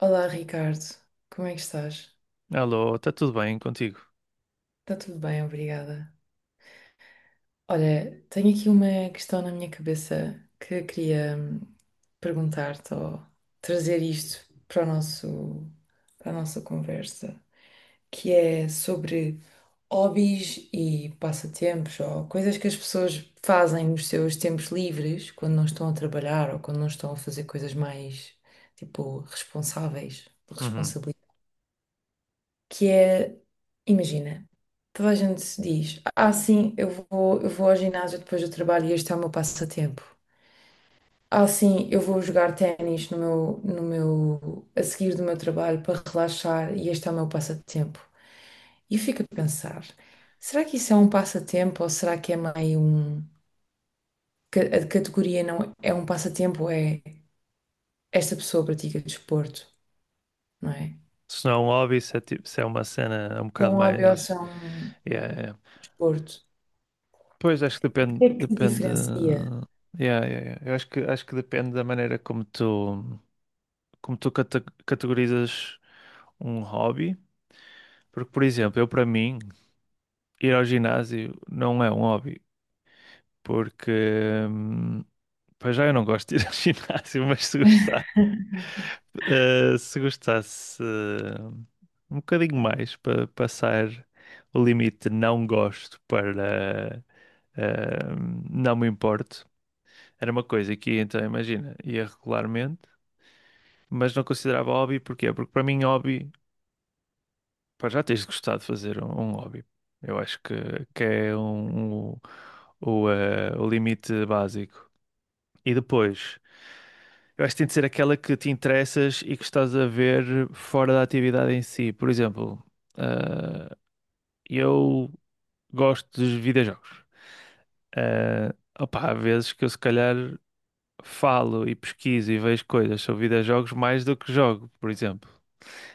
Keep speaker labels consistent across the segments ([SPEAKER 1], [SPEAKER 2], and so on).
[SPEAKER 1] Olá, Ricardo. Como é que estás?
[SPEAKER 2] Alô, está tudo bem contigo?
[SPEAKER 1] Está tudo bem, obrigada. Olha, tenho aqui uma questão na minha cabeça que eu queria perguntar-te ou trazer isto para a nossa conversa, que é sobre hobbies e passatempos ou coisas que as pessoas fazem nos seus tempos livres, quando não estão a trabalhar ou quando não estão a fazer coisas mais, tipo, responsáveis,
[SPEAKER 2] Uhum.
[SPEAKER 1] que é, imagina, toda a gente se diz, ah sim, eu vou ao ginásio depois do trabalho e este é o meu passatempo. Ah sim, eu vou jogar ténis no meu, no meu, a seguir do meu trabalho para relaxar e este é o meu passatempo. E eu fico a pensar, será que isso é um passatempo ou será que é meio um, que a categoria não é um passatempo, é esta pessoa pratica desporto, não é?
[SPEAKER 2] Se não é um hobby, se é, tipo, se é uma cena um
[SPEAKER 1] É
[SPEAKER 2] bocado
[SPEAKER 1] um hobby ou se
[SPEAKER 2] mais.
[SPEAKER 1] é um
[SPEAKER 2] Yeah, yeah.
[SPEAKER 1] desporto?
[SPEAKER 2] Pois acho que
[SPEAKER 1] O
[SPEAKER 2] depende.
[SPEAKER 1] que é que
[SPEAKER 2] Depende.
[SPEAKER 1] diferencia?
[SPEAKER 2] Yeah, yeah, yeah. Eu acho que depende da maneira como tu, como tu categorizas um hobby. Porque, por exemplo, eu para mim, ir ao ginásio não é um hobby. Porque. hum, Pois já eu não gosto de ir ao ginásio, mas se gostasse um bocadinho mais para passar o limite de não gosto para eh, não me importo, era uma coisa que então imagina, ia regularmente, mas não considerava hobby, porquê? Porque para mim hobby, pá, já tens de gostar de fazer um hobby. Eu acho que é o limite básico. E depois, eu acho que tem de ser aquela que te interessas e que estás a ver fora da atividade em si. Por exemplo, ah, eu gosto de videojogos. Ah, opá, há vezes que eu se calhar falo e pesquiso e vejo coisas sobre videojogos mais do que jogo, por exemplo.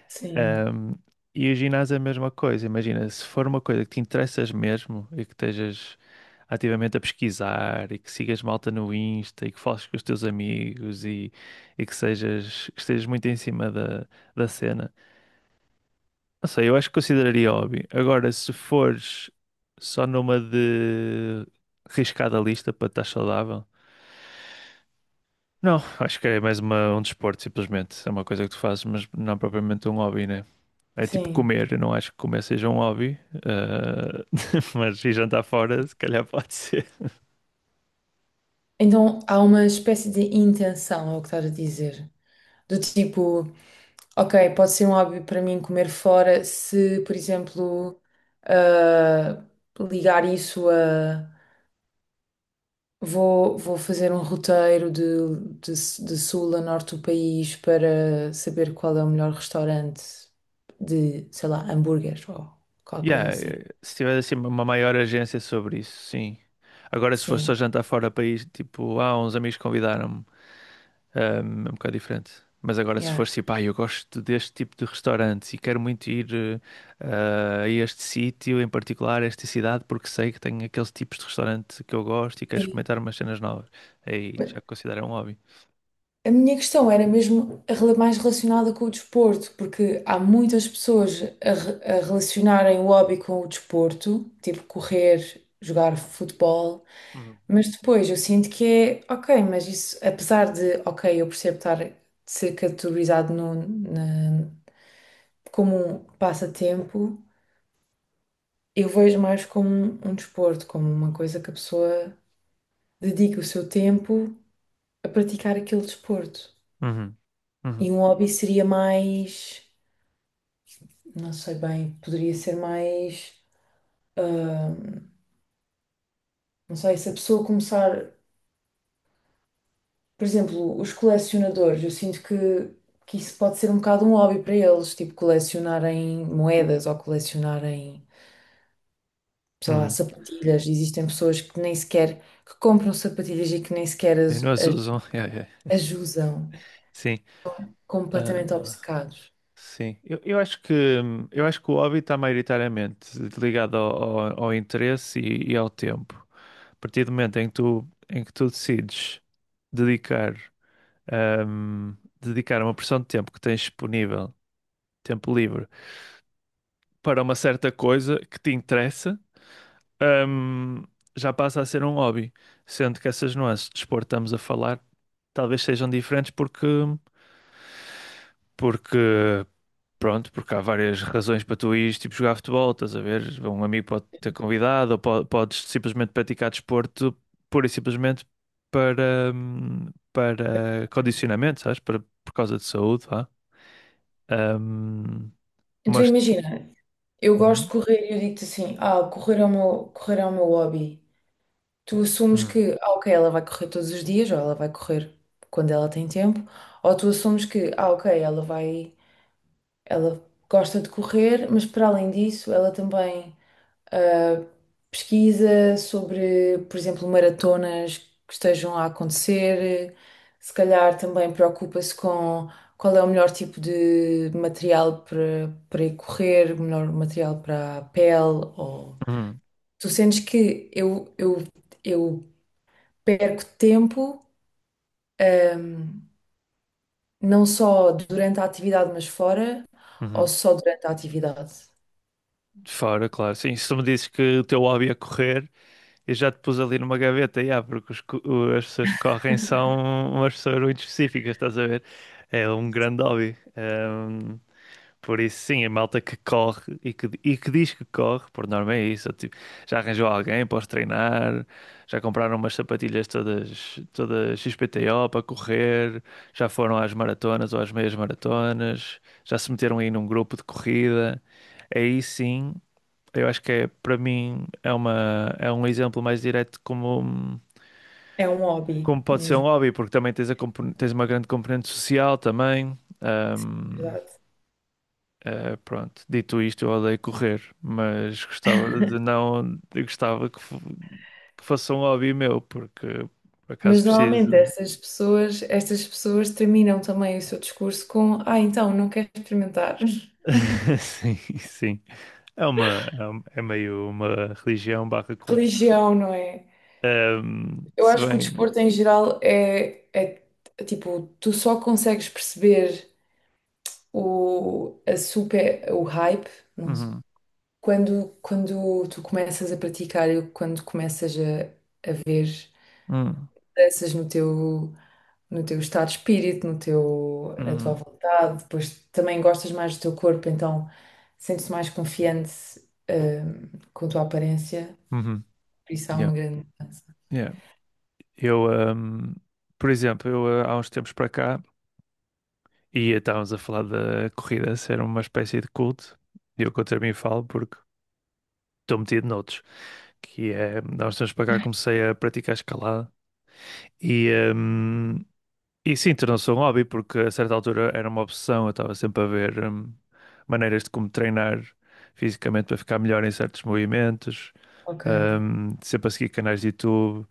[SPEAKER 1] Sim.
[SPEAKER 2] Ahm, e o ginásio é a mesma coisa. Imagina, se for uma coisa que te interessas mesmo e que estejas ativamente a pesquisar e que sigas malta no Insta e que fales com os teus amigos e que sejas, que estejas muito em cima da cena. Não sei, eu acho que consideraria hobby. Agora, se fores só numa de riscada lista para estar saudável, não, acho que é mais um desporto, simplesmente. É uma coisa que tu fazes, mas não é propriamente um hobby, né? É tipo
[SPEAKER 1] Sim.
[SPEAKER 2] comer, eu não acho que comer seja um hobby, ah, mas ir jantar fora, se calhar pode ser.
[SPEAKER 1] Então há uma espécie de intenção, é o que estás a dizer. Do tipo, ok, pode ser um hobby para mim comer fora se, por exemplo, ah, ligar isso a. Vou fazer um roteiro de, de sul a norte do país para saber qual é o melhor restaurante de, sei lá, hambúrguer ou qualquer coisa
[SPEAKER 2] Yeah,
[SPEAKER 1] assim.
[SPEAKER 2] se tiver assim uma maior agência sobre isso, sim. Agora, se for
[SPEAKER 1] Sim,
[SPEAKER 2] só jantar fora do país, tipo, uns amigos convidaram-me, é um bocado diferente. Mas agora, se
[SPEAKER 1] yeah.
[SPEAKER 2] for tipo, eu gosto deste tipo de restaurante e quero muito ir a este sítio, em particular, a esta cidade, porque sei que tem aqueles tipos de restaurante que eu gosto e quero
[SPEAKER 1] Sim.
[SPEAKER 2] experimentar umas cenas novas. Aí já considero um hobby.
[SPEAKER 1] A minha questão era mesmo mais relacionada com o desporto, porque há muitas pessoas a relacionarem o hobby com o desporto, tipo correr, jogar futebol,
[SPEAKER 2] Uhum.
[SPEAKER 1] mas depois eu sinto que é, ok, mas isso, apesar de, ok, eu percebo estar de ser categorizado no, na- como um passatempo, eu vejo mais como um desporto, como uma coisa que a pessoa dedica o seu tempo a praticar aquele desporto.
[SPEAKER 2] Uhum. Uhum.
[SPEAKER 1] E um hobby seria mais. Não sei bem, poderia ser mais, ah, não sei, se a pessoa começar, por exemplo, os colecionadores, eu sinto que isso pode ser um bocado um hobby para eles, tipo colecionarem moedas ou colecionarem, sei lá,
[SPEAKER 2] Uhum.
[SPEAKER 1] sapatilhas. Existem pessoas que nem sequer, que compram sapatilhas e que nem sequer
[SPEAKER 2] Sim,
[SPEAKER 1] as,
[SPEAKER 2] nós
[SPEAKER 1] as,
[SPEAKER 2] usam. Yeah, yeah.
[SPEAKER 1] as usam,
[SPEAKER 2] Sim. Ah,
[SPEAKER 1] completamente obcecados.
[SPEAKER 2] sim, eu acho que o hobby está maioritariamente ligado ao interesse e ao tempo. A partir do momento em que tu decides dedicar, ahm, dedicar uma porção de tempo que tens disponível, tempo livre, para uma certa coisa que te interessa, ahm, já passa a ser um hobby. Sendo que essas nuances de desporto que estamos a falar talvez sejam diferentes porque Pronto, porque há várias razões para tu ires tipo, jogar futebol, estás a ver? Um amigo pode ter convidado, ou podes simplesmente praticar desporto pura e simplesmente para condicionamento, sabes? Para, por causa de saúde, vá. Hum,
[SPEAKER 1] Então
[SPEAKER 2] mas.
[SPEAKER 1] imagina, eu gosto de
[SPEAKER 2] Uhum.
[SPEAKER 1] correr e eu digo-te assim, ah, correr é o meu hobby. Tu assumes
[SPEAKER 2] Uhum,
[SPEAKER 1] que, ah, ok, ela vai correr todos os dias, ou ela vai correr quando ela tem tempo, ou tu assumes que, ah, ok, ela gosta de correr, mas para além disso, ela também ah, pesquisa sobre, por exemplo, maratonas que estejam a acontecer, se calhar também preocupa-se com qual é o melhor tipo de material para ir correr, o melhor material para a pele, ou
[SPEAKER 2] uhum,
[SPEAKER 1] tu sentes que eu perco tempo, ahm, não só durante a atividade, mas fora, ou
[SPEAKER 2] uhum.
[SPEAKER 1] só durante a atividade.
[SPEAKER 2] Fora, claro, sim. Se tu me dizes que o teu hobby é correr, eu já te pus ali numa gaveta, yeah, porque as pessoas que correm são umas pessoas muito específicas, estás a ver? É um grande hobby. Por isso, sim, a malta que corre e que diz que corre, por norma é isso. Tipo, já arranjou alguém para os treinar, já compraram umas sapatilhas todas, todas XPTO para correr, já foram às maratonas ou às meias maratonas, já se meteram aí num grupo de corrida. Aí sim, eu acho que é, para mim é um exemplo mais direto como,
[SPEAKER 1] É um hobby
[SPEAKER 2] como pode ser um
[SPEAKER 1] mesmo,
[SPEAKER 2] hobby, porque também tens, tens uma grande componente social também.
[SPEAKER 1] na verdade.
[SPEAKER 2] Pronto, dito isto, eu odeio correr, mas gostava de não, eu gostava que fosse um hobby meu, porque por acaso
[SPEAKER 1] Mas normalmente
[SPEAKER 2] preciso.
[SPEAKER 1] estas pessoas terminam também o seu discurso com, ah, então, não quero experimentar.
[SPEAKER 2] Sim, sim. É meio uma religião barra culto.
[SPEAKER 1] Religião, não é?
[SPEAKER 2] Ahm,
[SPEAKER 1] Eu
[SPEAKER 2] se
[SPEAKER 1] acho que o
[SPEAKER 2] bem.
[SPEAKER 1] desporto em geral é tipo, tu só consegues perceber o hype, não?
[SPEAKER 2] Uhum,
[SPEAKER 1] Quando tu começas a praticar e quando começas a ver
[SPEAKER 2] uhum,
[SPEAKER 1] mudanças no teu, estado de espírito, no teu, na tua
[SPEAKER 2] uhum,
[SPEAKER 1] vontade, depois também gostas mais do teu corpo, então sentes-te mais confiante, hum, com a tua aparência,
[SPEAKER 2] uhum,
[SPEAKER 1] por isso há
[SPEAKER 2] yeah,
[SPEAKER 1] uma grande mudança.
[SPEAKER 2] yeah. Eu, ahm, por exemplo, eu há uns tempos para cá e estávamos a falar da corrida ser uma espécie de culto, e eu contra mim falo porque estou metido noutros. Que é, há uns tempos para cá comecei a praticar escalada e, hum, e sim, tornou-se um hobby porque a certa altura era uma obsessão, eu estava sempre a ver maneiras de como treinar fisicamente para ficar melhor em certos movimentos,
[SPEAKER 1] Ok.
[SPEAKER 2] sempre a seguir canais de YouTube,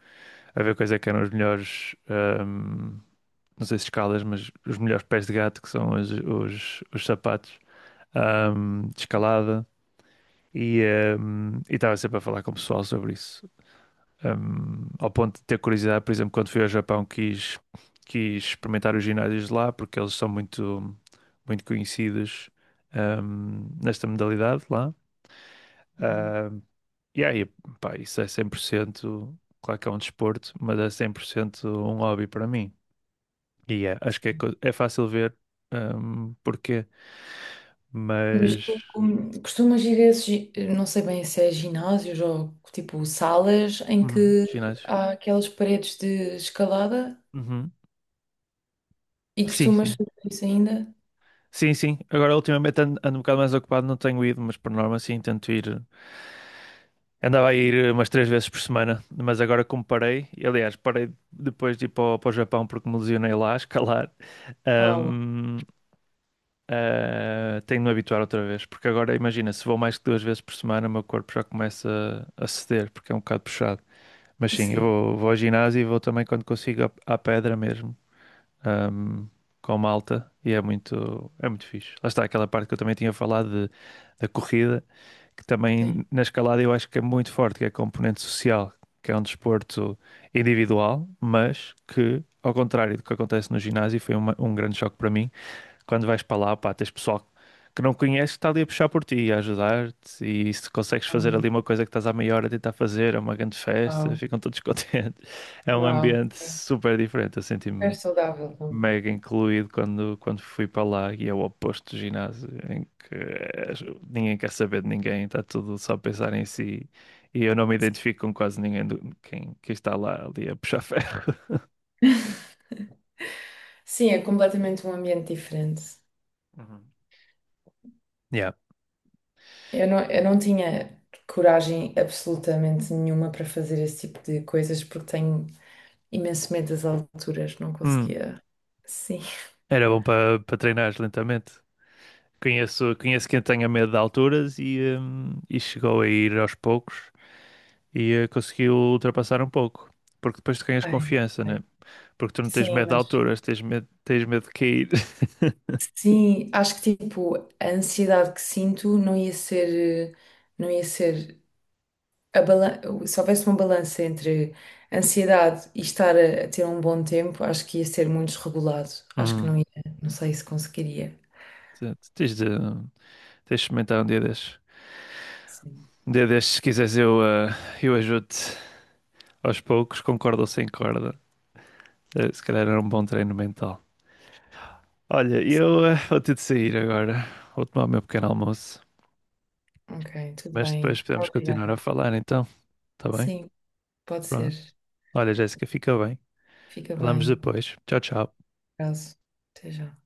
[SPEAKER 2] a ver quais é que eram os melhores, não sei se escalas, mas os melhores pés de gato que são os sapatos de escalada. E e estava sempre a falar com o pessoal sobre isso. Ao ponto de ter curiosidade, por exemplo, quando fui ao Japão, quis experimentar os ginásios de lá, porque eles são muito, muito conhecidos, nesta modalidade lá.
[SPEAKER 1] Uhum.
[SPEAKER 2] Ah, e aí, pá, isso é 100% claro que é um desporto, mas é 100% um hobby para mim. E é, acho que é, é fácil ver, porquê,
[SPEAKER 1] Mas
[SPEAKER 2] mas...
[SPEAKER 1] tu costumas ir a esses, gi- não sei bem se é ginásios ou tipo salas em
[SPEAKER 2] Uhum,
[SPEAKER 1] que
[SPEAKER 2] ginásios.
[SPEAKER 1] há aquelas paredes de escalada?
[SPEAKER 2] Uhum.
[SPEAKER 1] E
[SPEAKER 2] Sim,
[SPEAKER 1] costumas
[SPEAKER 2] sim.
[SPEAKER 1] fazer isso ainda?
[SPEAKER 2] Sim, sim. Agora, ultimamente ando um bocado mais ocupado, não tenho ido, mas por norma, sim, tento ir. Andava a ir umas três vezes por semana, mas agora como parei, e, aliás, parei depois de ir para o, para o Japão porque me lesionei lá a escalar.
[SPEAKER 1] Oh,
[SPEAKER 2] ahm, Tenho de me habituar outra vez, porque agora imagina, se vou mais que duas vezes por semana, o meu corpo já começa a ceder, porque é um bocado puxado. Mas sim, eu
[SPEAKER 1] sim,
[SPEAKER 2] vou ao ginásio e vou também quando consigo à pedra mesmo, ahm, com malta, e é muito fixe. Lá está aquela parte que eu também tinha falado de, da corrida que
[SPEAKER 1] sim.
[SPEAKER 2] também na escalada eu acho que é muito forte, que é a componente social, que é um desporto individual, mas que, ao contrário do que acontece no ginásio, foi um grande choque para mim. Quando vais para lá, pá, tens pessoal que não conheces que está ali a puxar por ti, a ajudar-te, e se consegues fazer ali
[SPEAKER 1] Ah,
[SPEAKER 2] uma coisa que estás há meia hora a tentar fazer, é uma grande festa,
[SPEAKER 1] uau,
[SPEAKER 2] ficam todos contentes. É um
[SPEAKER 1] uau,
[SPEAKER 2] ambiente
[SPEAKER 1] sim.
[SPEAKER 2] super diferente, eu senti
[SPEAKER 1] É saudável também.
[SPEAKER 2] mega incluído quando fui para lá e é o oposto do ginásio, em que ninguém quer saber de ninguém, está tudo só a pensar em si. E eu não me identifico com quase ninguém quem está lá ali a puxar ferro.
[SPEAKER 1] Sim, é completamente um ambiente diferente.
[SPEAKER 2] Uhum. Yeah.
[SPEAKER 1] Eu não tinha coragem absolutamente nenhuma para fazer esse tipo de coisas porque tenho imenso medo das alturas, não
[SPEAKER 2] Hum,
[SPEAKER 1] conseguia. Sim,
[SPEAKER 2] Era bom para treinar lentamente. Conheço quem tenha medo de alturas e chegou a ir aos poucos e conseguiu ultrapassar um pouco. Porque depois tu ganhas
[SPEAKER 1] ai, não
[SPEAKER 2] confiança,
[SPEAKER 1] sei.
[SPEAKER 2] né? Porque tu não tens
[SPEAKER 1] Sim,
[SPEAKER 2] medo de
[SPEAKER 1] mas
[SPEAKER 2] alturas, tens medo de cair.
[SPEAKER 1] sim, acho que tipo a ansiedade que sinto não ia ser, não ia ser se houvesse uma balança entre ansiedade e estar a ter um bom tempo, acho que ia ser muito desregulado. Acho que
[SPEAKER 2] Uhum.
[SPEAKER 1] não ia, não sei se conseguiria.
[SPEAKER 2] Exato. Tens de experimentar um dia destes.
[SPEAKER 1] Sim.
[SPEAKER 2] Um dia destes, se quiseres, eu ajudo-te aos poucos, com corda ou sem corda. Se calhar era um bom treino mental. Olha, eu vou ter de sair agora. Vou tomar o meu pequeno almoço.
[SPEAKER 1] Ok, tudo
[SPEAKER 2] Mas
[SPEAKER 1] bem.
[SPEAKER 2] depois podemos continuar a
[SPEAKER 1] Obrigada.
[SPEAKER 2] falar, então. Tá bem?
[SPEAKER 1] Sim, pode
[SPEAKER 2] Pronto.
[SPEAKER 1] ser.
[SPEAKER 2] Olha, Jéssica, fica bem.
[SPEAKER 1] Fica
[SPEAKER 2] Falamos
[SPEAKER 1] bem.
[SPEAKER 2] depois. Tchau, tchau.
[SPEAKER 1] Caso. Até já.